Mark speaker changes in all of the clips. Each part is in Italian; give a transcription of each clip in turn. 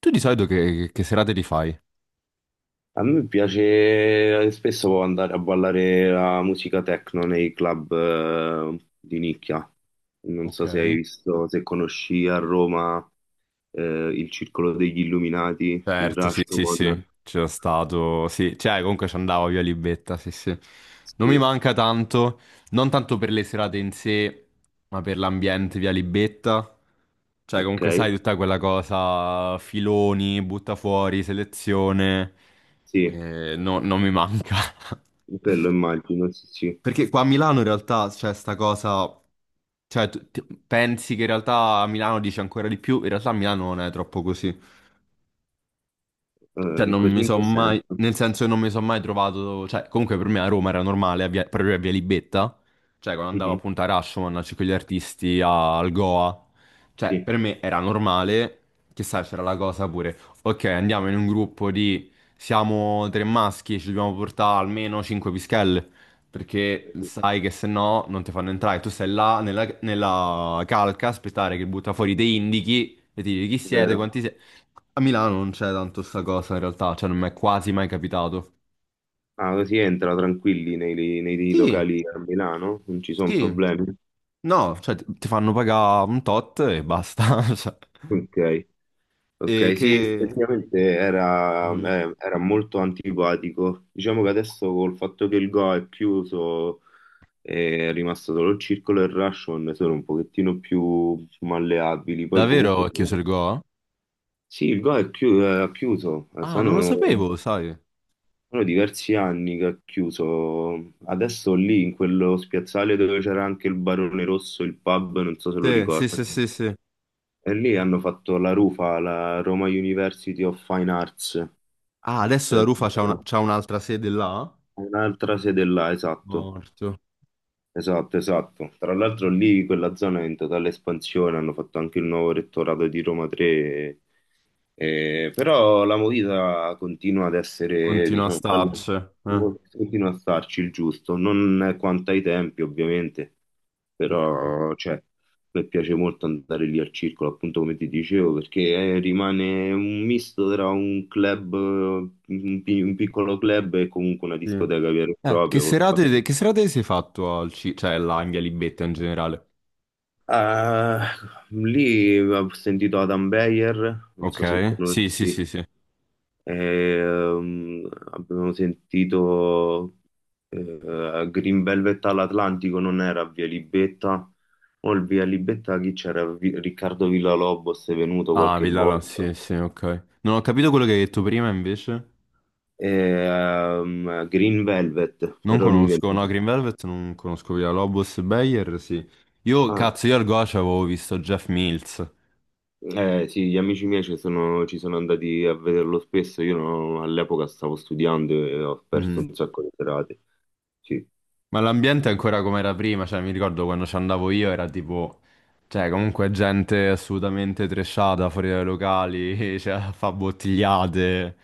Speaker 1: Tu di solito che serate li fai?
Speaker 2: A me piace, spesso può andare a ballare la musica techno nei club di nicchia. Non
Speaker 1: Ok,
Speaker 2: so se hai visto, se conosci a Roma eh, il Circolo degli Illuminati, il
Speaker 1: certo, sì, sì, sì,
Speaker 2: Rashomon.
Speaker 1: c'era stato, sì, cioè comunque ci andavo via Libetta, sì, sì. Non mi
Speaker 2: Sì,
Speaker 1: manca tanto, non tanto per le serate in sé, ma per l'ambiente via Libetta. Cioè
Speaker 2: ok,
Speaker 1: comunque sai tutta quella cosa, filoni, butta fuori, selezione,
Speaker 2: sì,
Speaker 1: non mi manca.
Speaker 2: quello immagino, sì, sì.
Speaker 1: Perché qua a Milano in realtà c'è sta cosa, cioè pensi che in realtà a Milano dice ancora di più, in realtà a Milano non è troppo così.
Speaker 2: Eh,
Speaker 1: Cioè,
Speaker 2: in
Speaker 1: non
Speaker 2: così
Speaker 1: mi
Speaker 2: in
Speaker 1: sono
Speaker 2: che
Speaker 1: mai,
Speaker 2: senso?
Speaker 1: nel senso che non mi sono mai trovato, cioè, comunque per me a Roma era normale, proprio a Via Libetta, cioè, quando andavo
Speaker 2: Mhm.
Speaker 1: appunto a Rashomon, a Circo degli Artisti, al Goa, cioè,
Speaker 2: Sì,
Speaker 1: per me era normale, che sai, c'era la cosa pure, ok, andiamo in un gruppo di, siamo tre maschi, ci dobbiamo portare almeno cinque pischelle, perché
Speaker 2: sì,
Speaker 1: sai che se no non ti fanno entrare, tu stai là nella, nella calca, aspettare che butta fuori dei indichi, e ti dici chi siete,
Speaker 2: vero.
Speaker 1: quanti siete, a Milano non c'è tanto sta cosa in realtà, cioè non mi è quasi mai capitato.
Speaker 2: Ah, così entra tranquilli nei, nei
Speaker 1: Sì,
Speaker 2: locali a Milano, non ci sono
Speaker 1: sì,
Speaker 2: problemi.
Speaker 1: no, cioè ti fanno pagare un tot e basta. cioè.
Speaker 2: Ok.
Speaker 1: E
Speaker 2: Ok,
Speaker 1: che...
Speaker 2: sì, effettivamente era,
Speaker 1: Mhm.
Speaker 2: era molto antipatico. Diciamo che adesso col fatto che il Go è chiuso è rimasto solo il Circolo e il Rashomon sono un pochettino più malleabili. Poi
Speaker 1: Davvero
Speaker 2: comunque
Speaker 1: è chiuso il Go?
Speaker 2: sì, il Go è è chiuso,
Speaker 1: Ah, non lo
Speaker 2: sono,
Speaker 1: sapevo, sai.
Speaker 2: sono diversi anni che è chiuso. Adesso lì in quello spiazzale dove c'era anche il Barone Rosso, il pub, non so se lo
Speaker 1: Sì, sì, sì,
Speaker 2: ricordi.
Speaker 1: sì, sì.
Speaker 2: E lì hanno fatto la rufa alla Roma University of Fine Arts.
Speaker 1: Ah, adesso la Rufa c'ha un'altra sede là?
Speaker 2: Un'altra sede là, esatto.
Speaker 1: Morto.
Speaker 2: Esatto, esatto. Tra l'altro lì quella zona è in totale espansione, hanno fatto anche il nuovo rettorato di Roma 3, però la movida continua ad essere,
Speaker 1: Continua a
Speaker 2: diciamo,
Speaker 1: starci.
Speaker 2: continua a starci il giusto, non quanto ai tempi ovviamente,
Speaker 1: Ok,
Speaker 2: però cioè, mi piace molto andare lì al circolo, appunto come ti dicevo, perché rimane un misto tra un club, un piccolo club e comunque una
Speaker 1: sì.
Speaker 2: discoteca vera e
Speaker 1: Eh, che
Speaker 2: propria. Col fatto.
Speaker 1: serate, che serate si è fatto al cioè là in Via Libetta in generale?
Speaker 2: Eh, lì ho sentito Adam Beyer, non so se
Speaker 1: Ok, sì, sì,
Speaker 2: conosci.
Speaker 1: sì, sì.
Speaker 2: Abbiamo sentito Green Velvet all'Atlantico, non era Via Libetta, o il Via Libetta chi c'era? Riccardo Villalobos è venuto
Speaker 1: Ah,
Speaker 2: qualche
Speaker 1: Villala,
Speaker 2: volta.
Speaker 1: sì, sì, ok. Non ho capito quello che hai detto prima, invece.
Speaker 2: Green Velvet,
Speaker 1: Non
Speaker 2: però lui
Speaker 1: conosco, no,
Speaker 2: veniva.
Speaker 1: Green Velvet non conosco Villa Lobos e Bayer, sì. Io,
Speaker 2: Ah,
Speaker 1: cazzo, io al Goce avevo visto Jeff Mills.
Speaker 2: eh, sì, gli amici miei ci sono andati a vederlo spesso. Io non- All'epoca stavo studiando e ho perso
Speaker 1: Mhm.
Speaker 2: un sacco di serate. Sì.
Speaker 1: Ma l'ambiente è ancora come era prima, cioè mi ricordo quando ci andavo io era tipo... Cioè, comunque gente assolutamente trashata fuori dai locali, cioè, fa bottigliate.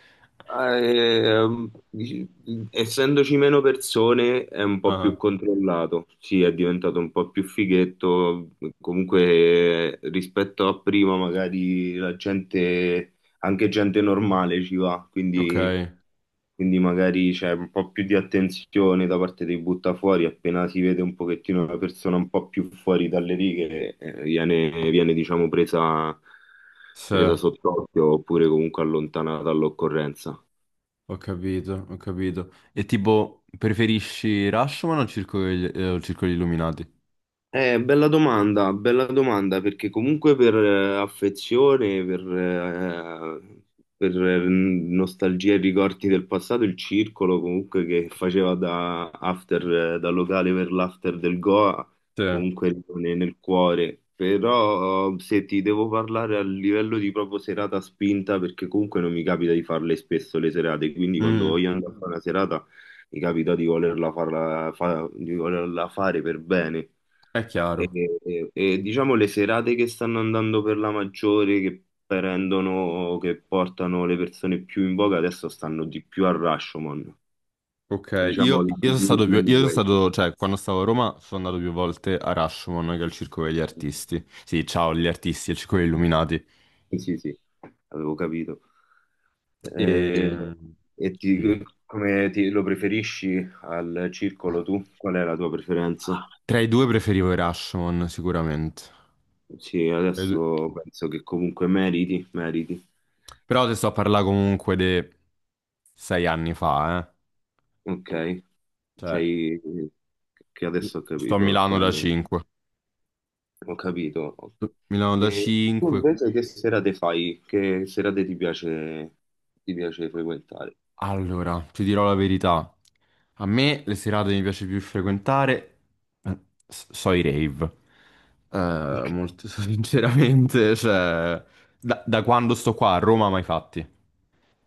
Speaker 2: Eh, dici- Essendoci meno persone è un po' più
Speaker 1: Ah,
Speaker 2: controllato. Sì, è diventato un po' più fighetto. Comunque, rispetto a prima, magari la gente, anche gente normale ci va.
Speaker 1: ok,
Speaker 2: Quindi. Quindi magari c'è un po' più di attenzione da parte dei buttafuori, appena si vede un pochettino una persona un po' più fuori dalle righe, viene, viene diciamo presa,
Speaker 1: sì.
Speaker 2: presa sott'occhio oppure comunque allontanata dall'occorrenza.
Speaker 1: Ho capito, ho capito. E tipo, preferisci Rashomon o Circolo, o Circolo degli Illuminati?
Speaker 2: Bella domanda, perché comunque per affezione, per nostalgia e ricordi del passato, il circolo comunque che faceva da after, da locale per l'after del Goa,
Speaker 1: Sì.
Speaker 2: comunque rimane nel cuore. Però se ti devo parlare a livello di proprio serata spinta, perché comunque non mi capita di farle spesso le serate, quindi quando
Speaker 1: Mm,
Speaker 2: voglio andare a fare una serata mi capita di di volerla fare per bene.
Speaker 1: è
Speaker 2: E,
Speaker 1: chiaro.
Speaker 2: diciamo le serate che stanno andando per la maggiore, che prendono, che portano le persone più in voga, adesso stanno di più a Rashomon,
Speaker 1: Ok,
Speaker 2: diciamo
Speaker 1: io,
Speaker 2: la,
Speaker 1: io sono stato
Speaker 2: la
Speaker 1: più,
Speaker 2: New
Speaker 1: io sono
Speaker 2: Wave.
Speaker 1: stato, cioè, quando stavo a Roma sono andato più volte a Rashomon che al Circolo degli Artisti. Sì, ciao, gli artisti, al Circolo degli Illuminati.
Speaker 2: Sì, sì, sì, avevo capito. Eh,
Speaker 1: E...
Speaker 2: E,
Speaker 1: Sì.
Speaker 2: lo preferisci al circolo tu? Qual è la tua preferenza?
Speaker 1: Tra i due preferivo i Rashomon, sicuramente.
Speaker 2: Sì,
Speaker 1: Tra i due.
Speaker 2: adesso penso che comunque meriti, meriti.
Speaker 1: Però te sto a parlare comunque di 6 anni fa, eh.
Speaker 2: Ok,
Speaker 1: Cioè,
Speaker 2: sei che adesso ho
Speaker 1: sto a
Speaker 2: capito,
Speaker 1: Milano da
Speaker 2: Sam.
Speaker 1: 5.
Speaker 2: Ho capito.
Speaker 1: Milano da
Speaker 2: E tu
Speaker 1: 5.
Speaker 2: invece che serate fai? Che serate ti piace frequentare?
Speaker 1: Allora, ti dirò la verità. A me le serate mi piace più frequentare, eh, so i rave.
Speaker 2: Ok.
Speaker 1: Molto sinceramente, cioè, da quando sto qua a Roma mai fatti.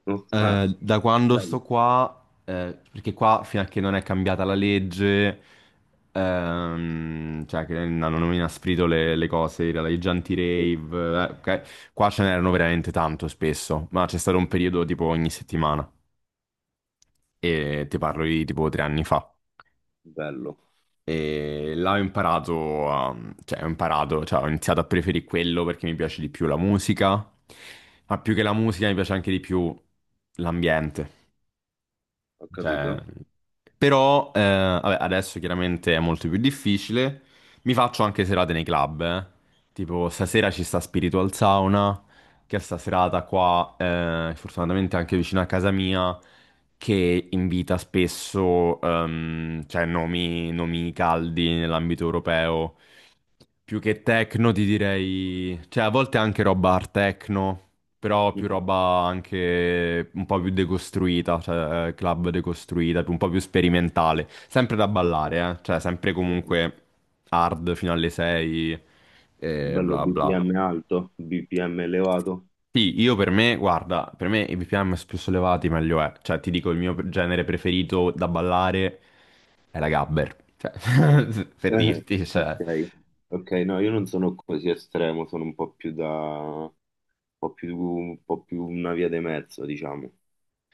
Speaker 2: No? Ah,
Speaker 1: Da quando
Speaker 2: bello.
Speaker 1: sto qua, perché qua fino a che non è cambiata la legge, cioè che hanno inasprito le cose, i giganti
Speaker 2: Sì,
Speaker 1: rave, ok? Qua ce n'erano veramente tanto spesso, ma c'è stato un periodo tipo ogni settimana e ti parlo di tipo 3 anni fa.
Speaker 2: bello,
Speaker 1: E là cioè ho imparato, cioè ho iniziato a preferire quello perché mi piace di più la musica, ma più che la musica mi piace anche di più l'ambiente.
Speaker 2: ho
Speaker 1: Cioè,
Speaker 2: capito.
Speaker 1: però vabbè, adesso chiaramente è molto più difficile. Mi faccio anche serate nei club, eh. Tipo stasera ci sta Spiritual Sauna, che è sta serata qua, fortunatamente anche vicino a casa mia, che invita spesso cioè, nomi caldi nell'ambito europeo. Più che techno ti direi, cioè a volte anche roba art techno però più
Speaker 2: Mhm.
Speaker 1: roba anche un po' più decostruita, cioè club decostruita, un po' più sperimentale. Sempre da
Speaker 2: Ok.
Speaker 1: ballare, eh? Cioè sempre
Speaker 2: Mhm.
Speaker 1: comunque hard fino alle 6 e
Speaker 2: Bello,
Speaker 1: bla bla.
Speaker 2: BPM alto, BPM elevato.
Speaker 1: Sì, io per me, guarda, per me i BPM più sollevati meglio è. Cioè ti dico il mio genere preferito da ballare è la gabber. Cioè, per
Speaker 2: Eh,
Speaker 1: dirti,
Speaker 2: ok,
Speaker 1: cioè...
Speaker 2: ok, no, io non sono così estremo, sono un po' più da, un po' più una via di mezzo, diciamo.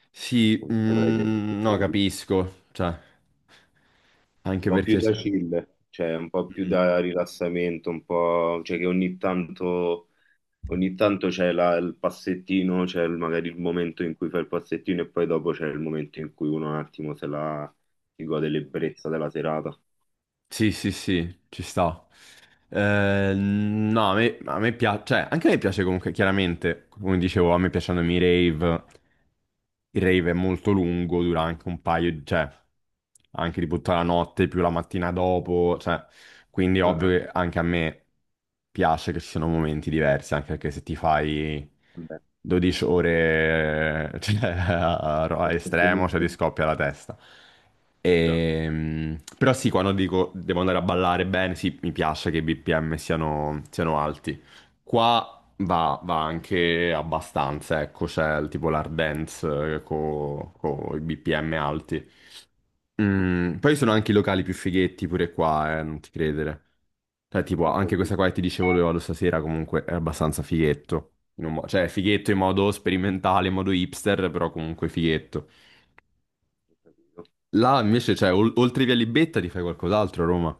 Speaker 1: Sì,
Speaker 2: Non saprei
Speaker 1: mm, no,
Speaker 2: descriverlo.
Speaker 1: capisco, cioè... Anche
Speaker 2: Po' più
Speaker 1: perché...
Speaker 2: da chill, cioè un po' più
Speaker 1: Mm.
Speaker 2: da rilassamento, un po', cioè che ogni tanto c'è il passettino, c'è magari il momento in cui fai il passettino e poi dopo c'è il momento in cui uno un attimo se la si gode l'ebbrezza della serata.
Speaker 1: Sì, sì, sì, ci sta. No, a me piace, cioè, anche a me piace comunque, chiaramente, come dicevo, a me piacciono i rave, il rave è molto lungo, dura anche cioè, anche tipo tutta la notte più la mattina dopo, cioè, quindi è
Speaker 2: Ah,
Speaker 1: ovvio
Speaker 2: ah,
Speaker 1: che anche a me piace che ci sono momenti diversi, anche perché se ti fai
Speaker 2: vabbè,
Speaker 1: 12 ore cioè, a
Speaker 2: questo
Speaker 1: estremo, cioè ti scoppia la testa.
Speaker 2: già,
Speaker 1: Però sì, quando dico devo andare a ballare bene, sì, mi piace che i BPM siano alti. Qua va anche abbastanza, ecco, c'è il tipo l'hard dance con i BPM alti. Mm, poi sono anche i locali più fighetti pure qua, non ti credere. Cioè, tipo,
Speaker 2: ho
Speaker 1: anche questa
Speaker 2: capito,
Speaker 1: qua che ti dicevo dove vado stasera comunque è abbastanza fighetto. Cioè, è fighetto in modo sperimentale, in modo hipster, però comunque fighetto.
Speaker 2: ho capito.
Speaker 1: Là invece, cioè, oltre via Libetta ti fai qualcos'altro a Roma.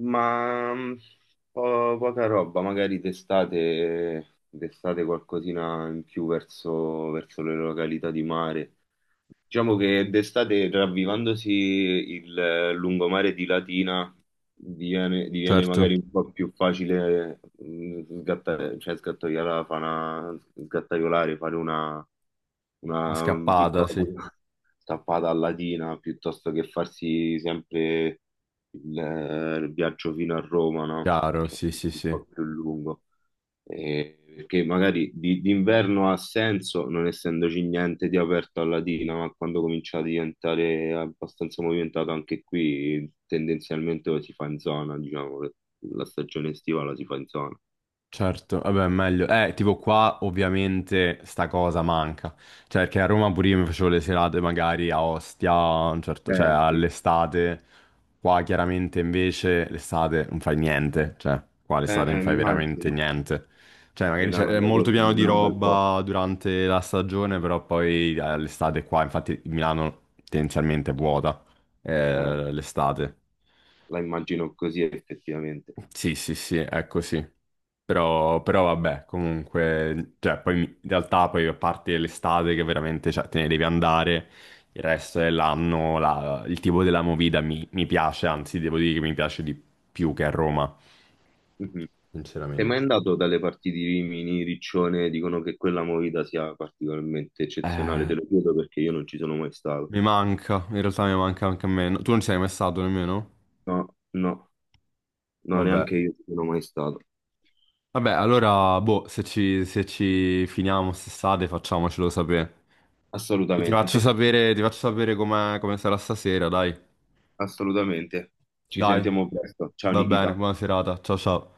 Speaker 2: Ma poca roba, magari d'estate, d'estate qualcosina in più verso, verso le località di mare. Diciamo che d'estate, ravvivandosi il lungomare di Latina, diviene, diviene
Speaker 1: Certo.
Speaker 2: magari un po' più facile sgattare, cioè sgattaiolare, fare
Speaker 1: La
Speaker 2: una
Speaker 1: scappata,
Speaker 2: piccola
Speaker 1: sì.
Speaker 2: punta tappata a Latina, piuttosto che farsi sempre il viaggio fino a Roma, no?
Speaker 1: Chiaro,
Speaker 2: Perché
Speaker 1: sì,
Speaker 2: è
Speaker 1: sì,
Speaker 2: un
Speaker 1: sì.
Speaker 2: po' più lungo perché magari d'inverno ha senso non essendoci niente di aperto alla Dina, ma quando comincia a diventare abbastanza movimentato anche qui, tendenzialmente lo si fa in zona, diciamo, che la stagione estiva la si fa in zona.
Speaker 1: Certo, vabbè, meglio. Tipo qua ovviamente sta cosa manca. Cioè, perché a Roma pure io mi facevo le serate magari a Ostia, cioè
Speaker 2: Sì.
Speaker 1: all'estate. Qua chiaramente invece l'estate non fai niente. Cioè, qua l'estate non fai veramente
Speaker 2: Immagino.
Speaker 1: niente. Cioè, magari c'è
Speaker 2: Milano
Speaker 1: è
Speaker 2: ad
Speaker 1: molto
Speaker 2: agosto
Speaker 1: pieno di
Speaker 2: non è un bel po',
Speaker 1: roba durante la stagione, però poi l'estate qua, infatti Milano tendenzialmente è vuota,
Speaker 2: eh,
Speaker 1: l'estate.
Speaker 2: la immagino così effettivamente.
Speaker 1: Sì, sì, sì, è così. Però vabbè, comunque, cioè, poi in realtà poi a parte l'estate che veramente, cioè, te ne devi andare, il resto dell'anno il tipo della movida mi piace, anzi devo dire che mi piace di più che a Roma,
Speaker 2: Mhm. Sei
Speaker 1: sinceramente.
Speaker 2: mai andato dalle parti di Rimini, Riccione, dicono che quella movida sia particolarmente eccezionale, te
Speaker 1: Eh,
Speaker 2: lo chiedo perché io non ci sono mai stato.
Speaker 1: mi manca, in realtà mi manca anche a me. No, tu non ci sei mai stato nemmeno?
Speaker 2: No, no, no,
Speaker 1: Vabbè.
Speaker 2: neanche io ci sono mai stato.
Speaker 1: Vabbè, allora, boh, se ci finiamo quest'estate facciamocelo sapere. E ti faccio
Speaker 2: Assolutamente,
Speaker 1: sapere, ti faccio sapere come sarà stasera, dai.
Speaker 2: assolutamente. Ci
Speaker 1: Dai,
Speaker 2: sentiamo presto. Ciao
Speaker 1: va bene,
Speaker 2: Nikita.
Speaker 1: buona serata. Ciao ciao.